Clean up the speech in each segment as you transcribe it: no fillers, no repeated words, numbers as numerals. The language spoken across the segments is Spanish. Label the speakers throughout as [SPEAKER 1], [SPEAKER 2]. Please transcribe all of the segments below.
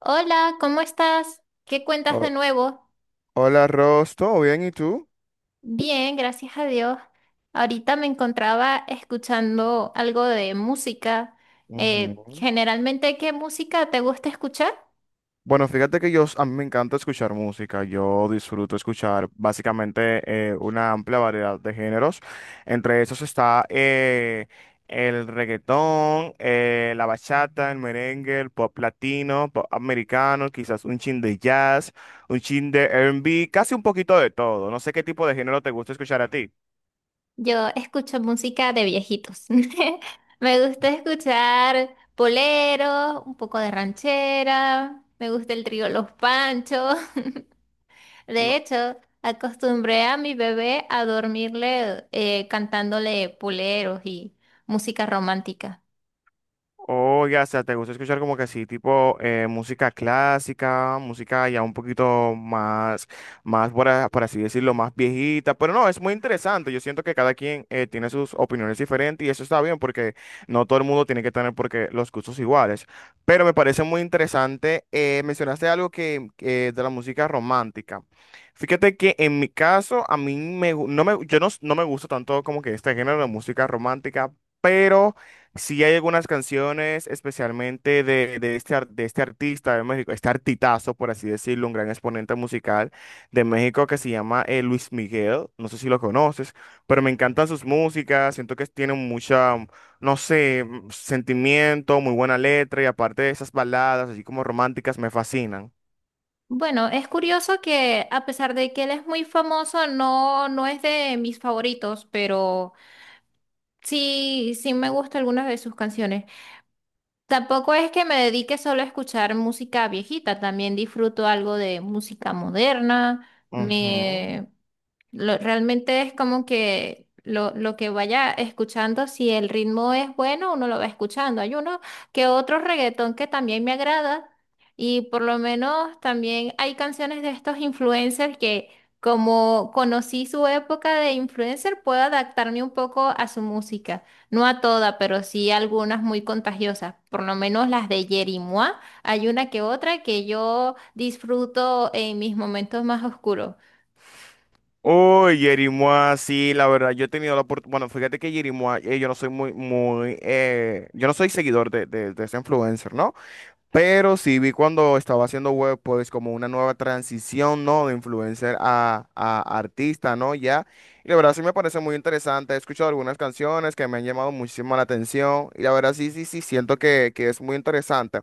[SPEAKER 1] Hola, ¿cómo estás? ¿Qué cuentas de
[SPEAKER 2] Ho-
[SPEAKER 1] nuevo?
[SPEAKER 2] Hola, Ross, ¿todo bien? ¿Y tú?
[SPEAKER 1] Bien, gracias a Dios. Ahorita me encontraba escuchando algo de música.
[SPEAKER 2] Ujú.
[SPEAKER 1] Generalmente, ¿qué música te gusta escuchar?
[SPEAKER 2] Bueno, fíjate que a mí me encanta escuchar música, yo disfruto escuchar básicamente una amplia variedad de géneros, entre esos está el reggaetón, la bachata, el merengue, el pop latino, pop americano, quizás un chin de jazz, un chin de R&B, casi un poquito de todo, no sé qué tipo de género te gusta escuchar a ti.
[SPEAKER 1] Yo escucho música de viejitos. Me gusta escuchar boleros, un poco de ranchera, me gusta el trío Los Panchos.
[SPEAKER 2] No,
[SPEAKER 1] De hecho, acostumbré a mi bebé a dormirle cantándole boleros y música romántica.
[SPEAKER 2] oiga, o sea, ¿te gusta escuchar como que sí tipo música clásica, música ya un poquito más, más por así decirlo, ¿más viejita? Pero no, es muy interesante. Yo siento que cada quien tiene sus opiniones diferentes y eso está bien porque no todo el mundo tiene que tener porque los gustos iguales. Pero me parece muy interesante. Mencionaste algo que de la música romántica. Fíjate que en mi caso, a mí me, gu- no me, yo no, no me gusta tanto como que este género de música romántica, pero... Sí hay algunas canciones, especialmente de este, de este artista de México, este artitazo, por así decirlo, un gran exponente musical de México que se llama Luis Miguel, no sé si lo conoces, pero me encantan sus músicas, siento que tienen mucha, no sé, sentimiento, muy buena letra y aparte de esas baladas, así como románticas, me fascinan.
[SPEAKER 1] Bueno, es curioso que a pesar de que él es muy famoso, no, no es de mis favoritos, pero sí, sí me gustan algunas de sus canciones. Tampoco es que me dedique solo a escuchar música viejita, también disfruto algo de música moderna.
[SPEAKER 2] Ujú.
[SPEAKER 1] Me, realmente es como que lo que vaya escuchando, si el ritmo es bueno, uno lo va escuchando. Hay uno que otro reggaetón que también me agrada y por lo menos también hay canciones de estos influencers que, como conocí su época de influencer, puedo adaptarme un poco a su música. No a toda, pero sí algunas muy contagiosas. Por lo menos las de Yeri Mua, hay una que otra que yo disfruto en mis momentos más oscuros.
[SPEAKER 2] Uy, Yerimoa, sí, la verdad, yo he tenido la oportunidad, bueno, fíjate que Yerimoa, yo no soy muy, yo no soy seguidor de ese influencer, ¿no? Pero sí vi cuando estaba haciendo web, pues como una nueva transición, ¿no? De influencer a artista, ¿no? Ya. Y la verdad sí me parece muy interesante. He escuchado algunas canciones que me han llamado muchísimo la atención. Y la verdad sí, siento que es muy interesante.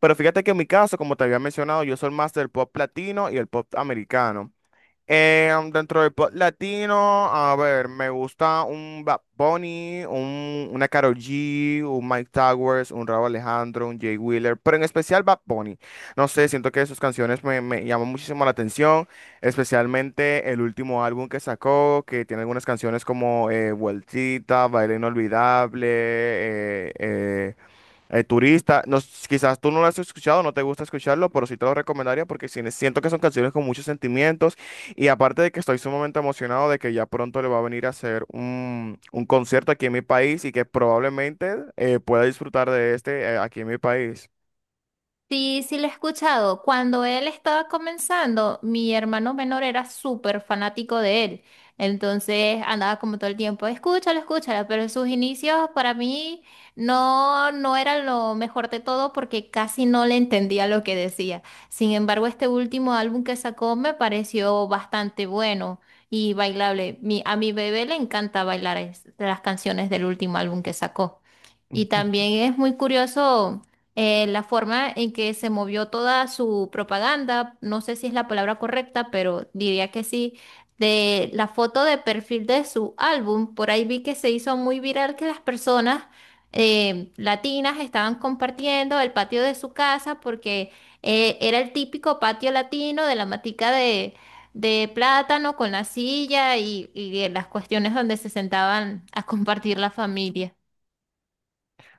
[SPEAKER 2] Pero fíjate que en mi caso, como te había mencionado, yo soy más del pop latino y el pop americano. Dentro del pop latino, a ver, me gusta un Bad Bunny, una Karol G, un Mike Towers, un Rauw Alejandro, un Jay Wheeler, pero en especial Bad Bunny. No sé, siento que sus canciones me llaman muchísimo la atención, especialmente el último álbum que sacó, que tiene algunas canciones como Vueltita, Baile Inolvidable, turista, no, quizás tú no lo has escuchado, no te gusta escucharlo, pero sí te lo recomendaría porque siento que son canciones con muchos sentimientos y aparte de que estoy sumamente emocionado de que ya pronto le va a venir a hacer un concierto aquí en mi país y que probablemente pueda disfrutar de este aquí en mi país.
[SPEAKER 1] Sí, sí lo he escuchado. Cuando él estaba comenzando, mi hermano menor era súper fanático de él. Entonces andaba como todo el tiempo, escúchalo, escúchalo. Pero en sus inicios para mí no, no era lo mejor de todo porque casi no le entendía lo que decía. Sin embargo, este último álbum que sacó me pareció bastante bueno y bailable. A mi bebé le encanta bailar las canciones del último álbum que sacó. Y también es muy curioso la forma en que se movió toda su propaganda, no sé si es la palabra correcta, pero diría que sí, de la foto de perfil de su álbum, por ahí vi que se hizo muy viral que las personas latinas estaban compartiendo el patio de su casa porque era el típico patio latino de la matica de plátano con la silla y las cuestiones donde se sentaban a compartir la familia.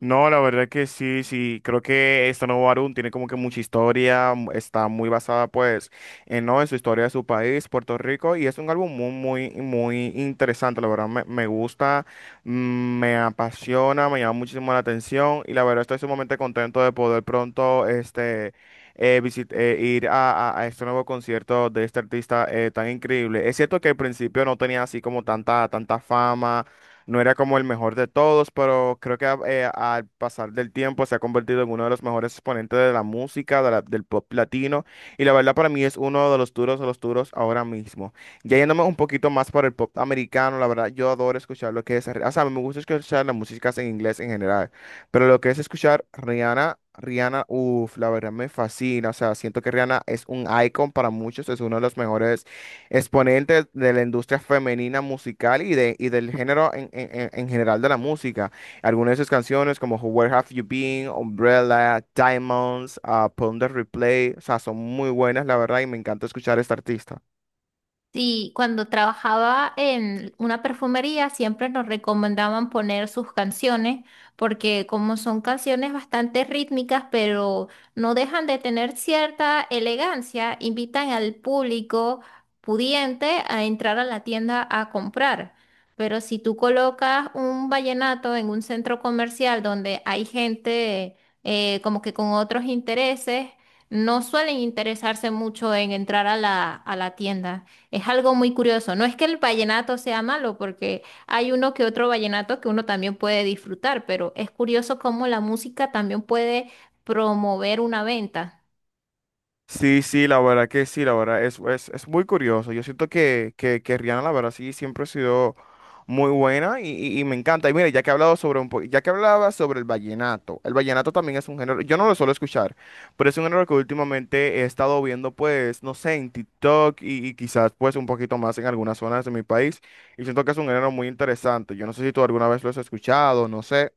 [SPEAKER 2] No, la verdad que sí, sí, creo que esta nueva Arun tiene como que mucha historia, está muy basada pues en, ¿no? en su historia de su país, Puerto Rico, y es un álbum muy interesante, la verdad me gusta, mm, me apasiona, me llama muchísimo la atención y la verdad estoy sumamente contento de poder pronto este, ir a este nuevo concierto de este artista tan increíble. Es cierto que al principio no tenía así como tanta fama. No era como el mejor de todos, pero creo que al pasar del tiempo se ha convertido en uno de los mejores exponentes de la música, del pop latino. Y la verdad para mí es uno de los duros ahora mismo. Ya yéndome un poquito más por el pop americano, la verdad yo adoro escuchar lo que es... O sea, me gusta escuchar las músicas en inglés en general, pero lo que es escuchar Rihanna, uff, la verdad me fascina. O sea, siento que Rihanna es un icon para muchos, es uno de los mejores exponente de la industria femenina musical y del género en general de la música. Algunas de sus canciones como Where Have You Been, Umbrella, Diamonds, ah, Pon Replay, o sea, son muy buenas, la verdad, y me encanta escuchar a esta artista.
[SPEAKER 1] Sí, cuando trabajaba en una perfumería siempre nos recomendaban poner sus canciones porque como son canciones bastante rítmicas pero no dejan de tener cierta elegancia, invitan al público pudiente a entrar a la tienda a comprar. Pero si tú colocas un vallenato en un centro comercial donde hay gente como que con otros intereses, no suelen interesarse mucho en entrar a a la tienda. Es algo muy curioso. No es que el vallenato sea malo, porque hay uno que otro vallenato que uno también puede disfrutar, pero es curioso cómo la música también puede promover una venta.
[SPEAKER 2] Sí, sí, la verdad que sí, la verdad es muy curioso. Yo siento que Rihanna, la verdad, sí, siempre ha sido muy buena y me encanta. Y mira, ya que he hablado sobre ya que hablaba sobre el vallenato también es un género, yo no lo suelo escuchar, pero es un género que últimamente he estado viendo, pues, no sé, en TikTok y quizás, pues, un poquito más en algunas zonas de mi país. Y siento que es un género muy interesante. Yo no sé si tú alguna vez lo has escuchado, no sé.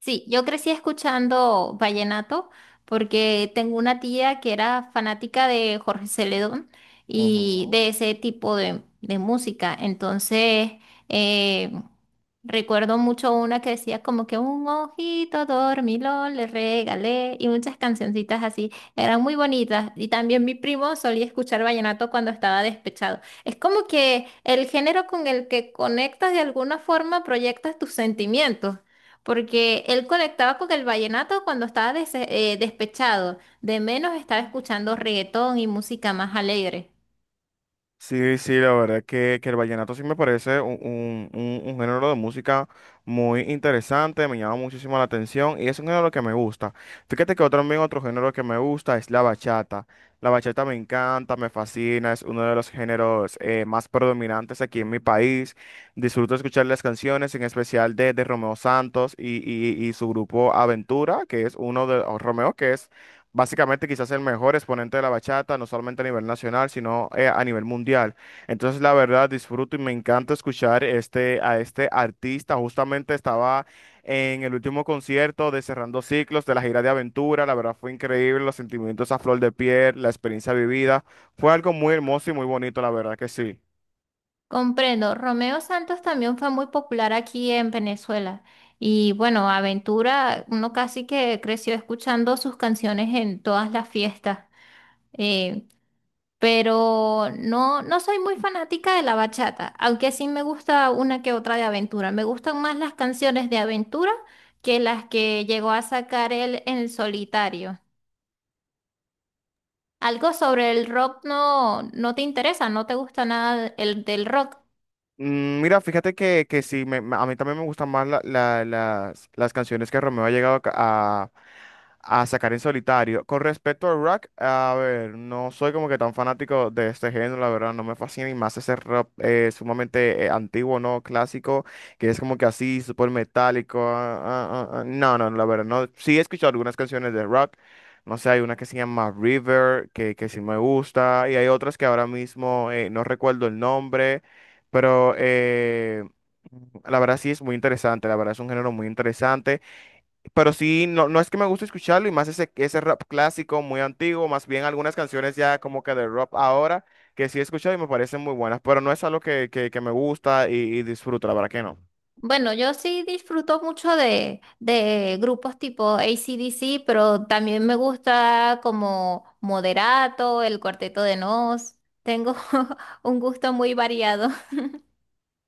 [SPEAKER 1] Sí, yo crecí escuchando vallenato porque tengo una tía que era fanática de Jorge Celedón y
[SPEAKER 2] Ujú.
[SPEAKER 1] de ese tipo de música. Entonces, eh, recuerdo mucho una que decía como que un ojito dormilón le regalé y muchas cancioncitas así. Eran muy bonitas. Y también mi primo solía escuchar vallenato cuando estaba despechado. Es como que el género con el que conectas de alguna forma proyectas tus sentimientos. Porque él conectaba con el vallenato cuando estaba despechado. De menos estaba escuchando reggaetón y música más alegre.
[SPEAKER 2] Sí, sí, la verdad que el vallenato sí me parece un, un género de música muy interesante, me llama muchísimo la atención y es un género que me gusta. Fíjate que otro, también otro género que me gusta es la bachata. La bachata me encanta, me fascina, es uno de los géneros más predominantes aquí en mi país. Disfruto escuchar las canciones, en especial de Romeo Santos y su grupo Aventura, que es uno de, o Romeo, que es básicamente quizás el mejor exponente de la bachata, no solamente a nivel nacional, sino a nivel mundial. Entonces, la verdad, disfruto y me encanta escuchar este, a este artista. Justamente estaba en el último concierto de Cerrando Ciclos de la gira de Aventura. La verdad fue increíble, los sentimientos a flor de piel, la experiencia vivida. Fue algo muy hermoso y muy bonito, la verdad que sí.
[SPEAKER 1] Comprendo. Romeo Santos también fue muy popular aquí en Venezuela. Y bueno, Aventura, uno casi que creció escuchando sus canciones en todas las fiestas. Eh, pero no, no soy muy fanática de la bachata, aunque sí me gusta una que otra de Aventura. Me gustan más las canciones de Aventura que las que llegó a sacar él en el solitario. Algo sobre el rock no, no te interesa, no te gusta nada el del rock.
[SPEAKER 2] Mm, mira, fíjate que sí, a mí también me gustan más las canciones que Romeo ha llegado a sacar en solitario. Con respecto al rock, a ver, no soy como que tan fanático de este género, la verdad, no me fascina y más ese rock sumamente antiguo, ¿no? Clásico, que es como que así, súper metálico. No, no, la verdad, no. Sí he escuchado algunas canciones de rock. No sé, hay una que se llama River, que sí me gusta, y hay otras que ahora mismo no recuerdo el nombre. Pero la verdad sí es muy interesante, la verdad es un género muy interesante. Pero sí, no, no es que me guste escucharlo y más ese, ese rap clásico muy antiguo, más bien algunas canciones ya como que de rap ahora, que sí he escuchado y me parecen muy buenas, pero no es algo que me gusta y disfruto, la verdad que no.
[SPEAKER 1] Bueno, yo sí disfruto mucho de grupos tipo AC/DC, pero también me gusta como Moderato, el Cuarteto de Nos. Tengo un gusto muy variado.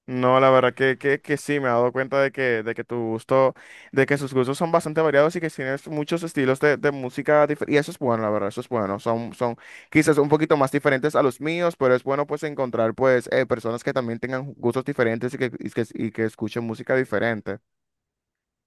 [SPEAKER 2] No, la verdad que sí, me he dado cuenta de que tu gusto, de que sus gustos son bastante variados y que tienes muchos estilos de música dif- Y eso es bueno, la verdad, eso es bueno. Son quizás un poquito más diferentes a los míos, pero es bueno pues encontrar pues personas que también tengan gustos diferentes y que escuchen música diferente.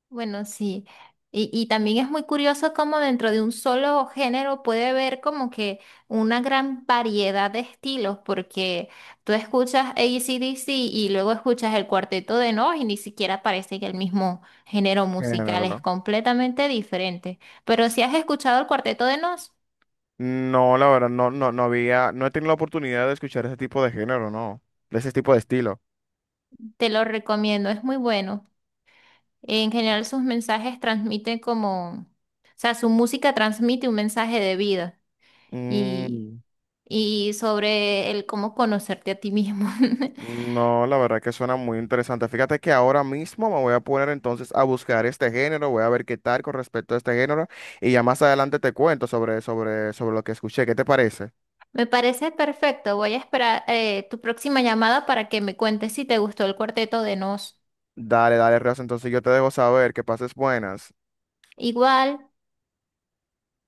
[SPEAKER 1] Bueno, sí. Y también es muy curioso cómo dentro de un solo género puede haber como que una gran variedad de estilos, porque tú escuchas ACDC y luego escuchas el Cuarteto de Nos y ni siquiera parece que el mismo género musical
[SPEAKER 2] Género,
[SPEAKER 1] es
[SPEAKER 2] ¿no?
[SPEAKER 1] completamente diferente. Pero
[SPEAKER 2] S-
[SPEAKER 1] si has escuchado el Cuarteto de Nos,
[SPEAKER 2] No, la verdad, no había, no he tenido la oportunidad de escuchar ese tipo de género, no, de ese tipo de estilo.
[SPEAKER 1] te lo recomiendo, es muy bueno. En general sus mensajes transmiten como, o sea, su música transmite un mensaje de vida. Y
[SPEAKER 2] Mm.
[SPEAKER 1] y sobre el cómo conocerte a ti mismo.
[SPEAKER 2] No, la verdad que suena muy interesante. Fíjate que ahora mismo me voy a poner entonces a buscar este género, voy a ver qué tal con respecto a este género y ya más adelante te cuento sobre lo que escuché. ¿Qué te parece?
[SPEAKER 1] Me parece perfecto. Voy a esperar tu próxima llamada para que me cuentes si te gustó el Cuarteto de Nos.
[SPEAKER 2] Dale, dale, Reos, entonces yo te dejo saber, que pases buenas.
[SPEAKER 1] Igual.